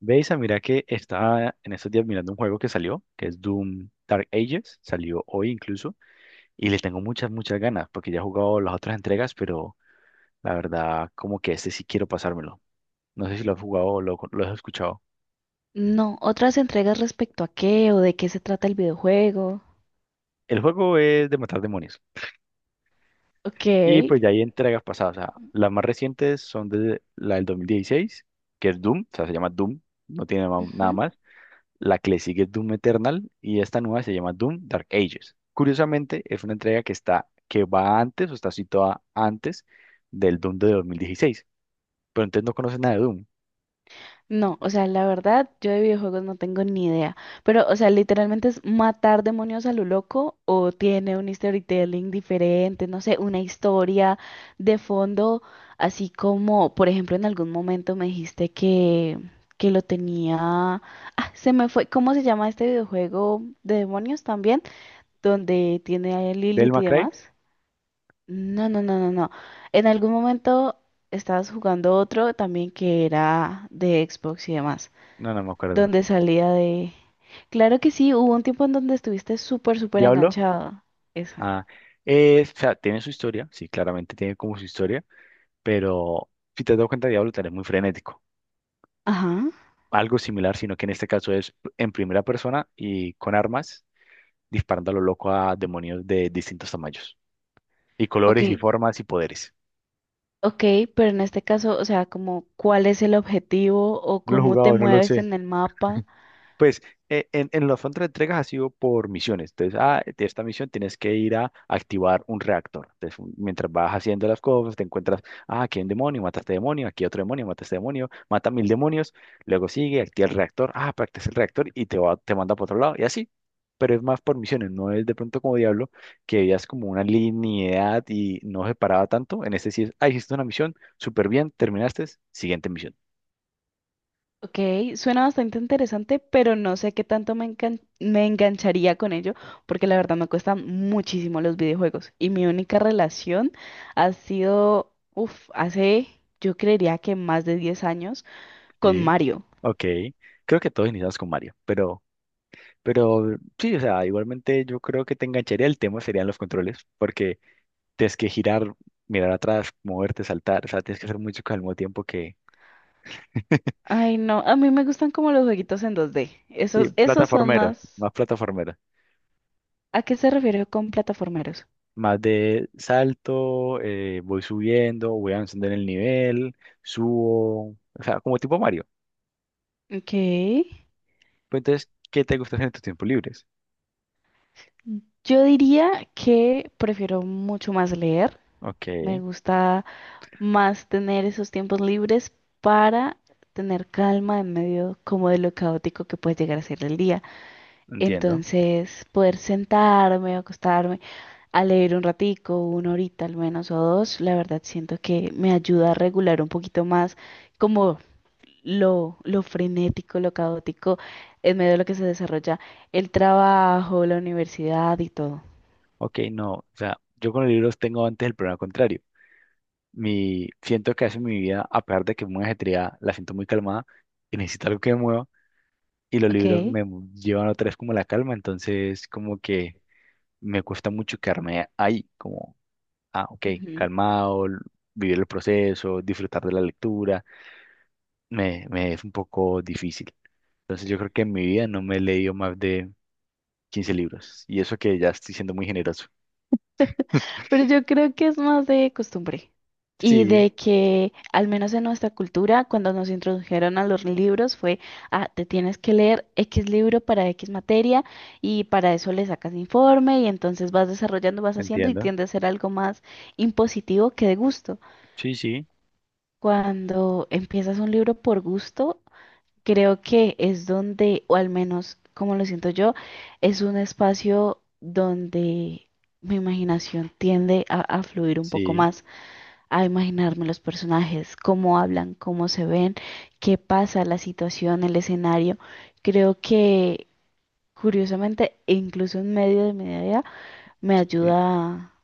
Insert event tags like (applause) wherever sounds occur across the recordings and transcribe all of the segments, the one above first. Veis, mira que estaba en estos días mirando un juego que salió, que es Doom Dark Ages, salió hoy incluso, y le tengo muchas ganas, porque ya he jugado las otras entregas, pero la verdad, como que este sí quiero pasármelo. No sé si lo has jugado o lo has escuchado. No, otras entregas respecto a qué o de qué se trata el videojuego. El juego es de matar demonios, Ok. y pues ya hay entregas pasadas, o sea, las más recientes son de la del 2016, que es Doom, o sea, se llama Doom, nada Ujú. más. La que le sigue es Doom Eternal y esta nueva se llama Doom Dark Ages. Curiosamente, es una entrega que que va antes o está situada antes del Doom de 2016. Pero entonces no conoces nada de Doom. No, o sea, la verdad, yo de videojuegos no tengo ni idea. Pero, o sea, literalmente es matar demonios a lo loco o tiene un storytelling diferente, no sé, una historia de fondo, así como, por ejemplo, en algún momento me dijiste que lo tenía... Ah, se me fue, ¿cómo se llama este videojuego de demonios también? Donde tiene a ¿Del Lilith y Cry? demás. No, no, no, no, no. En algún momento estabas jugando otro también que era de Xbox y demás, No, no me acuerdo. donde salía de... Claro que sí, hubo un tiempo en donde estuviste súper, súper ¿Diablo? enganchado. Esa. Ah, o sea, tiene su historia, sí, claramente tiene como su historia, pero si te has dado cuenta, Diablo también es muy frenético. Ajá. Algo similar, sino que en este caso es en primera persona y con armas, disparando a lo loco a demonios de distintos tamaños, y Ok, colores, y formas, y poderes. ok, pero en este caso, o sea, como cuál es el objetivo o No lo he cómo te jugado, no lo mueves sé. en el mapa. Pues en los fondos de entregas ha sido por misiones. Entonces, de esta misión tienes que ir a activar un reactor. Entonces, mientras vas haciendo las cosas, te encuentras, ah, aquí hay un demonio, mata a este demonio, aquí hay otro demonio, mata a este demonio, mata mil demonios, luego sigue, activa el reactor, ah, practica el reactor y te manda para otro lado y así. Pero es más por misiones, no es de pronto como Diablo, que veías como una linealidad y no separaba tanto. En este sí es, ah, hiciste una misión, súper bien, terminaste, siguiente misión. Ok, suena bastante interesante, pero no sé qué tanto me encan- me engancharía con ello, porque la verdad me cuestan muchísimo los videojuegos. Y mi única relación ha sido, uff, hace, yo creería que más de 10 años, con Mario. Ok, creo que todos iniciamos con Mario, pero sí, o sea, igualmente yo creo que te engancharía el tema serían los controles, porque tienes que girar, mirar atrás, moverte, saltar, o sea, tienes que hacer mucho al mismo tiempo que, Ay, no, a mí me gustan como los jueguitos en 2D. sí, Esos, esos son más. Plataformeros, ¿A qué se refiere con plataformeros? más de salto, voy subiendo, voy avanzando en el nivel, subo, o sea, como tipo Mario. Ok. Pero entonces, ¿qué te gusta hacer en tus tiempos libres? Yo diría que prefiero mucho más leer. Ok, Me gusta más tener esos tiempos libres para tener calma en medio como de lo caótico que puede llegar a ser el día. entiendo. Entonces, poder sentarme o acostarme a leer un ratico, una horita al menos o dos, la verdad siento que me ayuda a regular un poquito más como lo frenético, lo caótico en medio de lo que se desarrolla el trabajo, la universidad y todo. Ok, no, o sea, yo con los libros tengo antes el problema contrario. Mi, siento que hace mi vida, a pesar de que es muy ajetreada, la siento muy calmada y necesito algo que me mueva. Y los Ok. Llevan otra vez como la calma, entonces como que me cuesta mucho quedarme ahí, como, ah, ok, Ujú. calmado, l- vivir el proceso, disfrutar de la lectura, me es un poco difícil. Entonces yo creo que en mi vida no me he leído más de 15 y eso que ya estoy siendo muy generoso. (laughs) Pero yo creo que es más de costumbre y Sí, de que, al menos en nuestra cultura, cuando nos introdujeron a los libros fue, ah, te tienes que leer X libro para X materia y para eso le sacas informe y entonces vas desarrollando, vas haciendo y entiendo. tiende a ser algo más impositivo que de gusto. Sí, sí, Cuando empiezas un libro por gusto, creo que es donde, o al menos como lo siento yo, es un espacio donde mi imaginación tiende a fluir un poco sí, más a imaginarme los personajes, cómo hablan, cómo se ven, qué pasa, la situación, el escenario. Creo que, curiosamente, incluso en medio de mi día, me sí, ayuda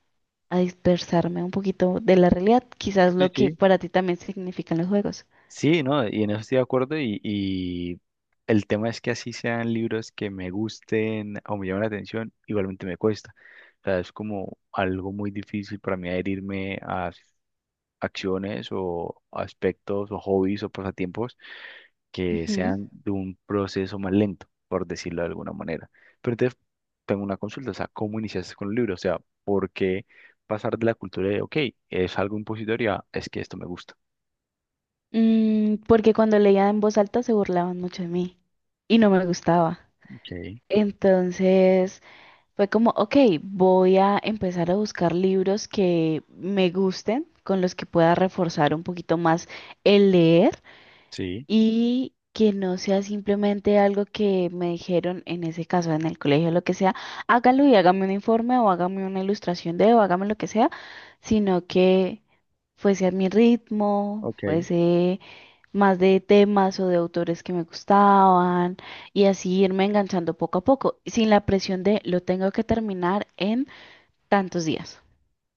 a dispersarme un poquito de la realidad, quizás sí, lo que sí, para ti también significan los juegos. sí, no, y en eso estoy de acuerdo y el tema es que así sean libros que me gusten o me llamen la atención, igualmente me cuesta. O sea, es como algo muy difícil para mí adherirme a acciones o aspectos o hobbies o pasatiempos que Ujú. sean de un proceso más lento, por decirlo de alguna manera. Pero entonces tengo una consulta, o sea, ¿cómo iniciaste con el libro? O sea, ¿por qué pasar de la cultura de, ok, es algo impositoria, es que esto me gusta? Porque cuando leía en voz alta se burlaban mucho de mí y no me gustaba. Okay, Entonces... Fue como, ok, voy a empezar a buscar libros que me gusten, con los que pueda reforzar un poquito más el leer sí, y que no sea simplemente algo que me dijeron en ese caso, en el colegio, lo que sea, hágalo y hágame un informe o hágame una ilustración de o hágame lo que sea, sino que fuese a mi ritmo, ok. fuese más de temas o de autores que me gustaban y así irme enganchando poco a poco, sin la presión de lo tengo que terminar en tantos días.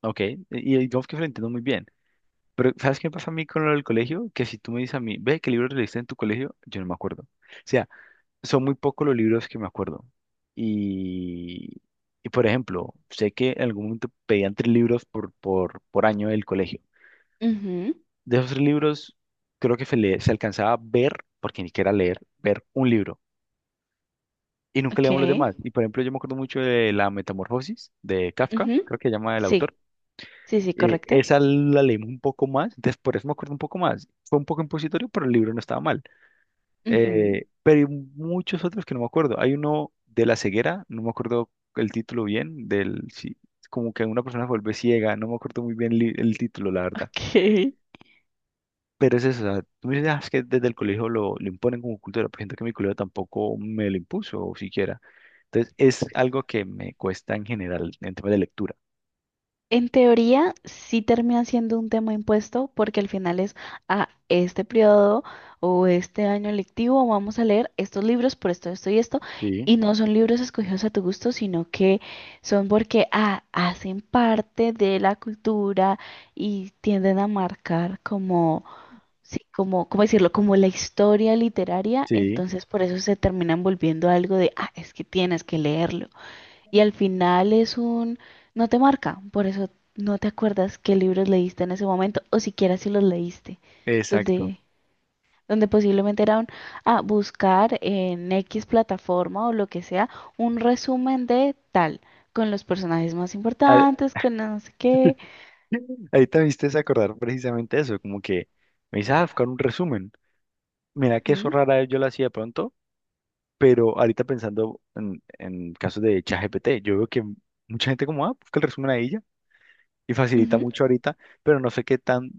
Ok, y digamos que lo entiendo muy bien. Pero, ¿sabes qué me pasa a mí con lo del colegio? Que si tú me dices a mí, ve, ¿qué libros leíste en tu colegio? Yo no me acuerdo. O sea, son muy pocos los libros que me acuerdo. Y, y por ejemplo, sé que en algún momento pedían tres libros por año del colegio. Ujú, De esos tres libros, creo que se alcanzaba a ver, porque ni siquiera leer, ver un libro. Y nunca ok. leíamos los demás. Y por ejemplo, yo me acuerdo mucho de La Metamorfosis de Kafka, Ujú, creo que se llama el autor. sí, sí, sí, Eh, correcto. esa la leímos un poco más, entonces por eso me acuerdo un poco más. Fue un poco impositorio, pero el libro no estaba mal. Ujú. Pero hay muchos otros que no me acuerdo. Hay uno de la ceguera, no me acuerdo el título bien, del, sí, como que una persona se vuelve ciega, no me acuerdo muy bien el título, la verdad. Ok. Pero es eso, o sea, tú me dices, "Ah, es que desde el colegio lo imponen como cultura", pero siento que mi colegio tampoco me lo impuso, o siquiera. Entonces es algo que me cuesta en general en temas de lectura. En teoría, sí termina siendo un tema impuesto porque al final es a este periodo o este año lectivo vamos a leer estos libros por esto, esto y esto. Sí, Y no son libros escogidos a tu gusto, sino que son porque ah, hacen parte de la cultura y tienden a marcar como, sí, como, ¿cómo decirlo? Como la historia literaria. sí, Entonces, por eso se terminan volviendo algo de, ah, es que tienes que leerlo. Y al final es un, no te marca, por eso no te acuerdas qué libros leíste en ese momento o siquiera si los leíste, exacto. donde, donde posiblemente era un, ah, buscar en X plataforma o lo que sea un resumen de tal, con los personajes más importantes, con no sé qué. Ahorita me hiciste acordar precisamente eso, como que me dice, ah, buscar un resumen. Mira que eso Ujú, rara vez yo lo hacía de pronto, pero ahorita pensando en casos de ChatGPT, yo veo que mucha gente como, ah, busca el resumen ahí ya, y facilita ujú, mucho ahorita, pero no sé qué tan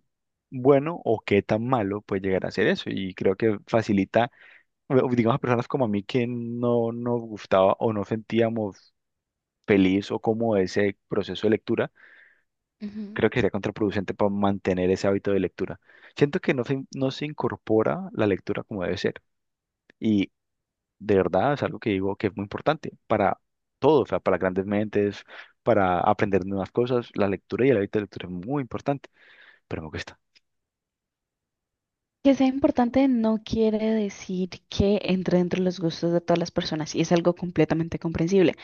bueno o qué tan malo puede llegar a ser eso, y creo que facilita, o digamos, a personas como a mí que no nos gustaba o no sentíamos feliz o como ese proceso de lectura. Creo ujú. que sería contraproducente para mantener ese hábito de lectura. Siento que no se incorpora la lectura como debe ser. Y de verdad es algo que digo que es muy importante para todos, o sea, para grandes mentes, para aprender nuevas cosas. La lectura y el hábito de lectura es muy importante, pero me cuesta. Que sea importante no quiere decir que entre dentro de los gustos de todas las personas y es algo completamente comprensible.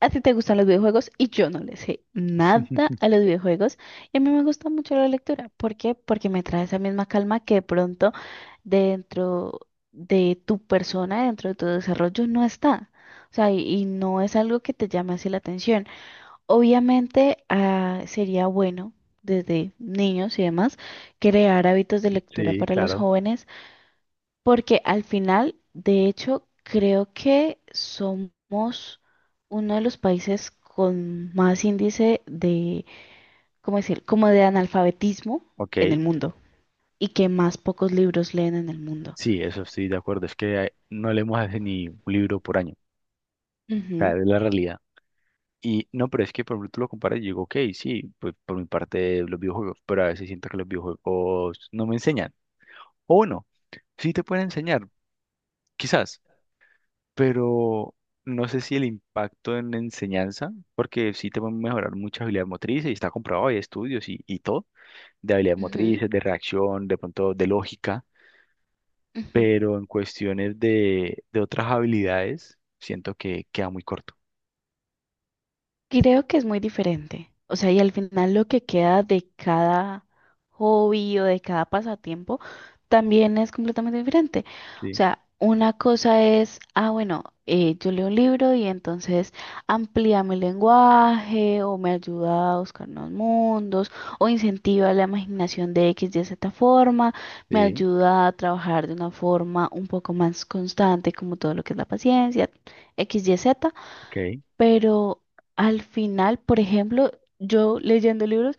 A ti te gustan los videojuegos y yo no le sé nada (laughs) a los videojuegos. Y a mí me gusta mucho la lectura. ¿Por qué? Porque me trae esa misma calma que de pronto dentro de tu persona, dentro de tu desarrollo, no está. O sea, y no es algo que te llame así la atención. Obviamente, ah, sería bueno desde niños y demás crear hábitos de lectura Sí, para los claro. jóvenes porque al final, de hecho, creo que somos uno de los países con más índice de, ¿cómo decir? Como de analfabetismo Ok. en el mundo y que más pocos libros leen en el mundo. Sí, eso estoy de acuerdo. Es que no leemos hace ni un libro por año. O sea, Ujú, es la realidad. Y no, pero es que por ejemplo tú lo comparas y digo, ok, sí, pues por mi parte los videojuegos, pero a veces siento que los videojuegos no me enseñan. O no, sí te pueden enseñar, quizás, pero no sé si el impacto en la enseñanza, porque sí te pueden mejorar muchas habilidades motrices, y está comprobado, hay estudios y todo, de habilidades ujú, motrices, de reacción, de pronto de lógica, ujú. pero en cuestiones de otras habilidades, siento que queda muy corto. Creo que es muy diferente. O sea, y al final lo que queda de cada hobby o de cada pasatiempo también es completamente diferente. O Sí, sea, una cosa es, ah, bueno, yo leo un libro y entonces amplía mi lenguaje o me ayuda a buscar nuevos mundos o incentiva la imaginación de X, Y, Z forma, me sí, ayuda a trabajar de una forma un poco más constante como todo lo que es la paciencia, X, Y, Z, ok, pero al final, por ejemplo, yo leyendo libros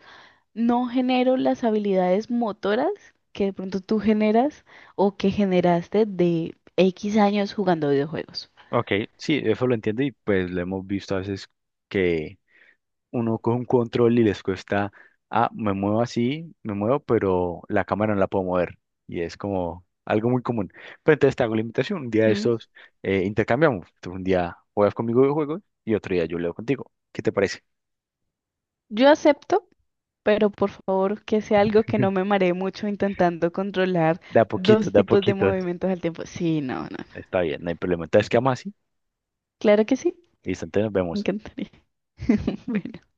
no genero las habilidades motoras que de pronto tú generas o que generaste de X años jugando videojuegos. ok, sí, eso lo entiendo y pues lo hemos visto a veces que uno coge un control y les cuesta, ah, me muevo así, me muevo, pero la cámara no la puedo mover. Y es como algo muy común. Pero entonces te hago la invitación. Un día de ¿Mm? estos intercambiamos. Tú un día juegas conmigo videojuegos y otro día yo leo contigo. ¿Qué te parece? Yo acepto, pero por favor que sea algo que no me (laughs) maree mucho intentando controlar De a poquitos, dos de a tipos de poquitos. movimientos al tiempo. Sí, no, no, no. Está bien, no hay problema. Entonces quedamos así. Claro que sí, Listo, entonces nos me vemos. encantaría. (laughs)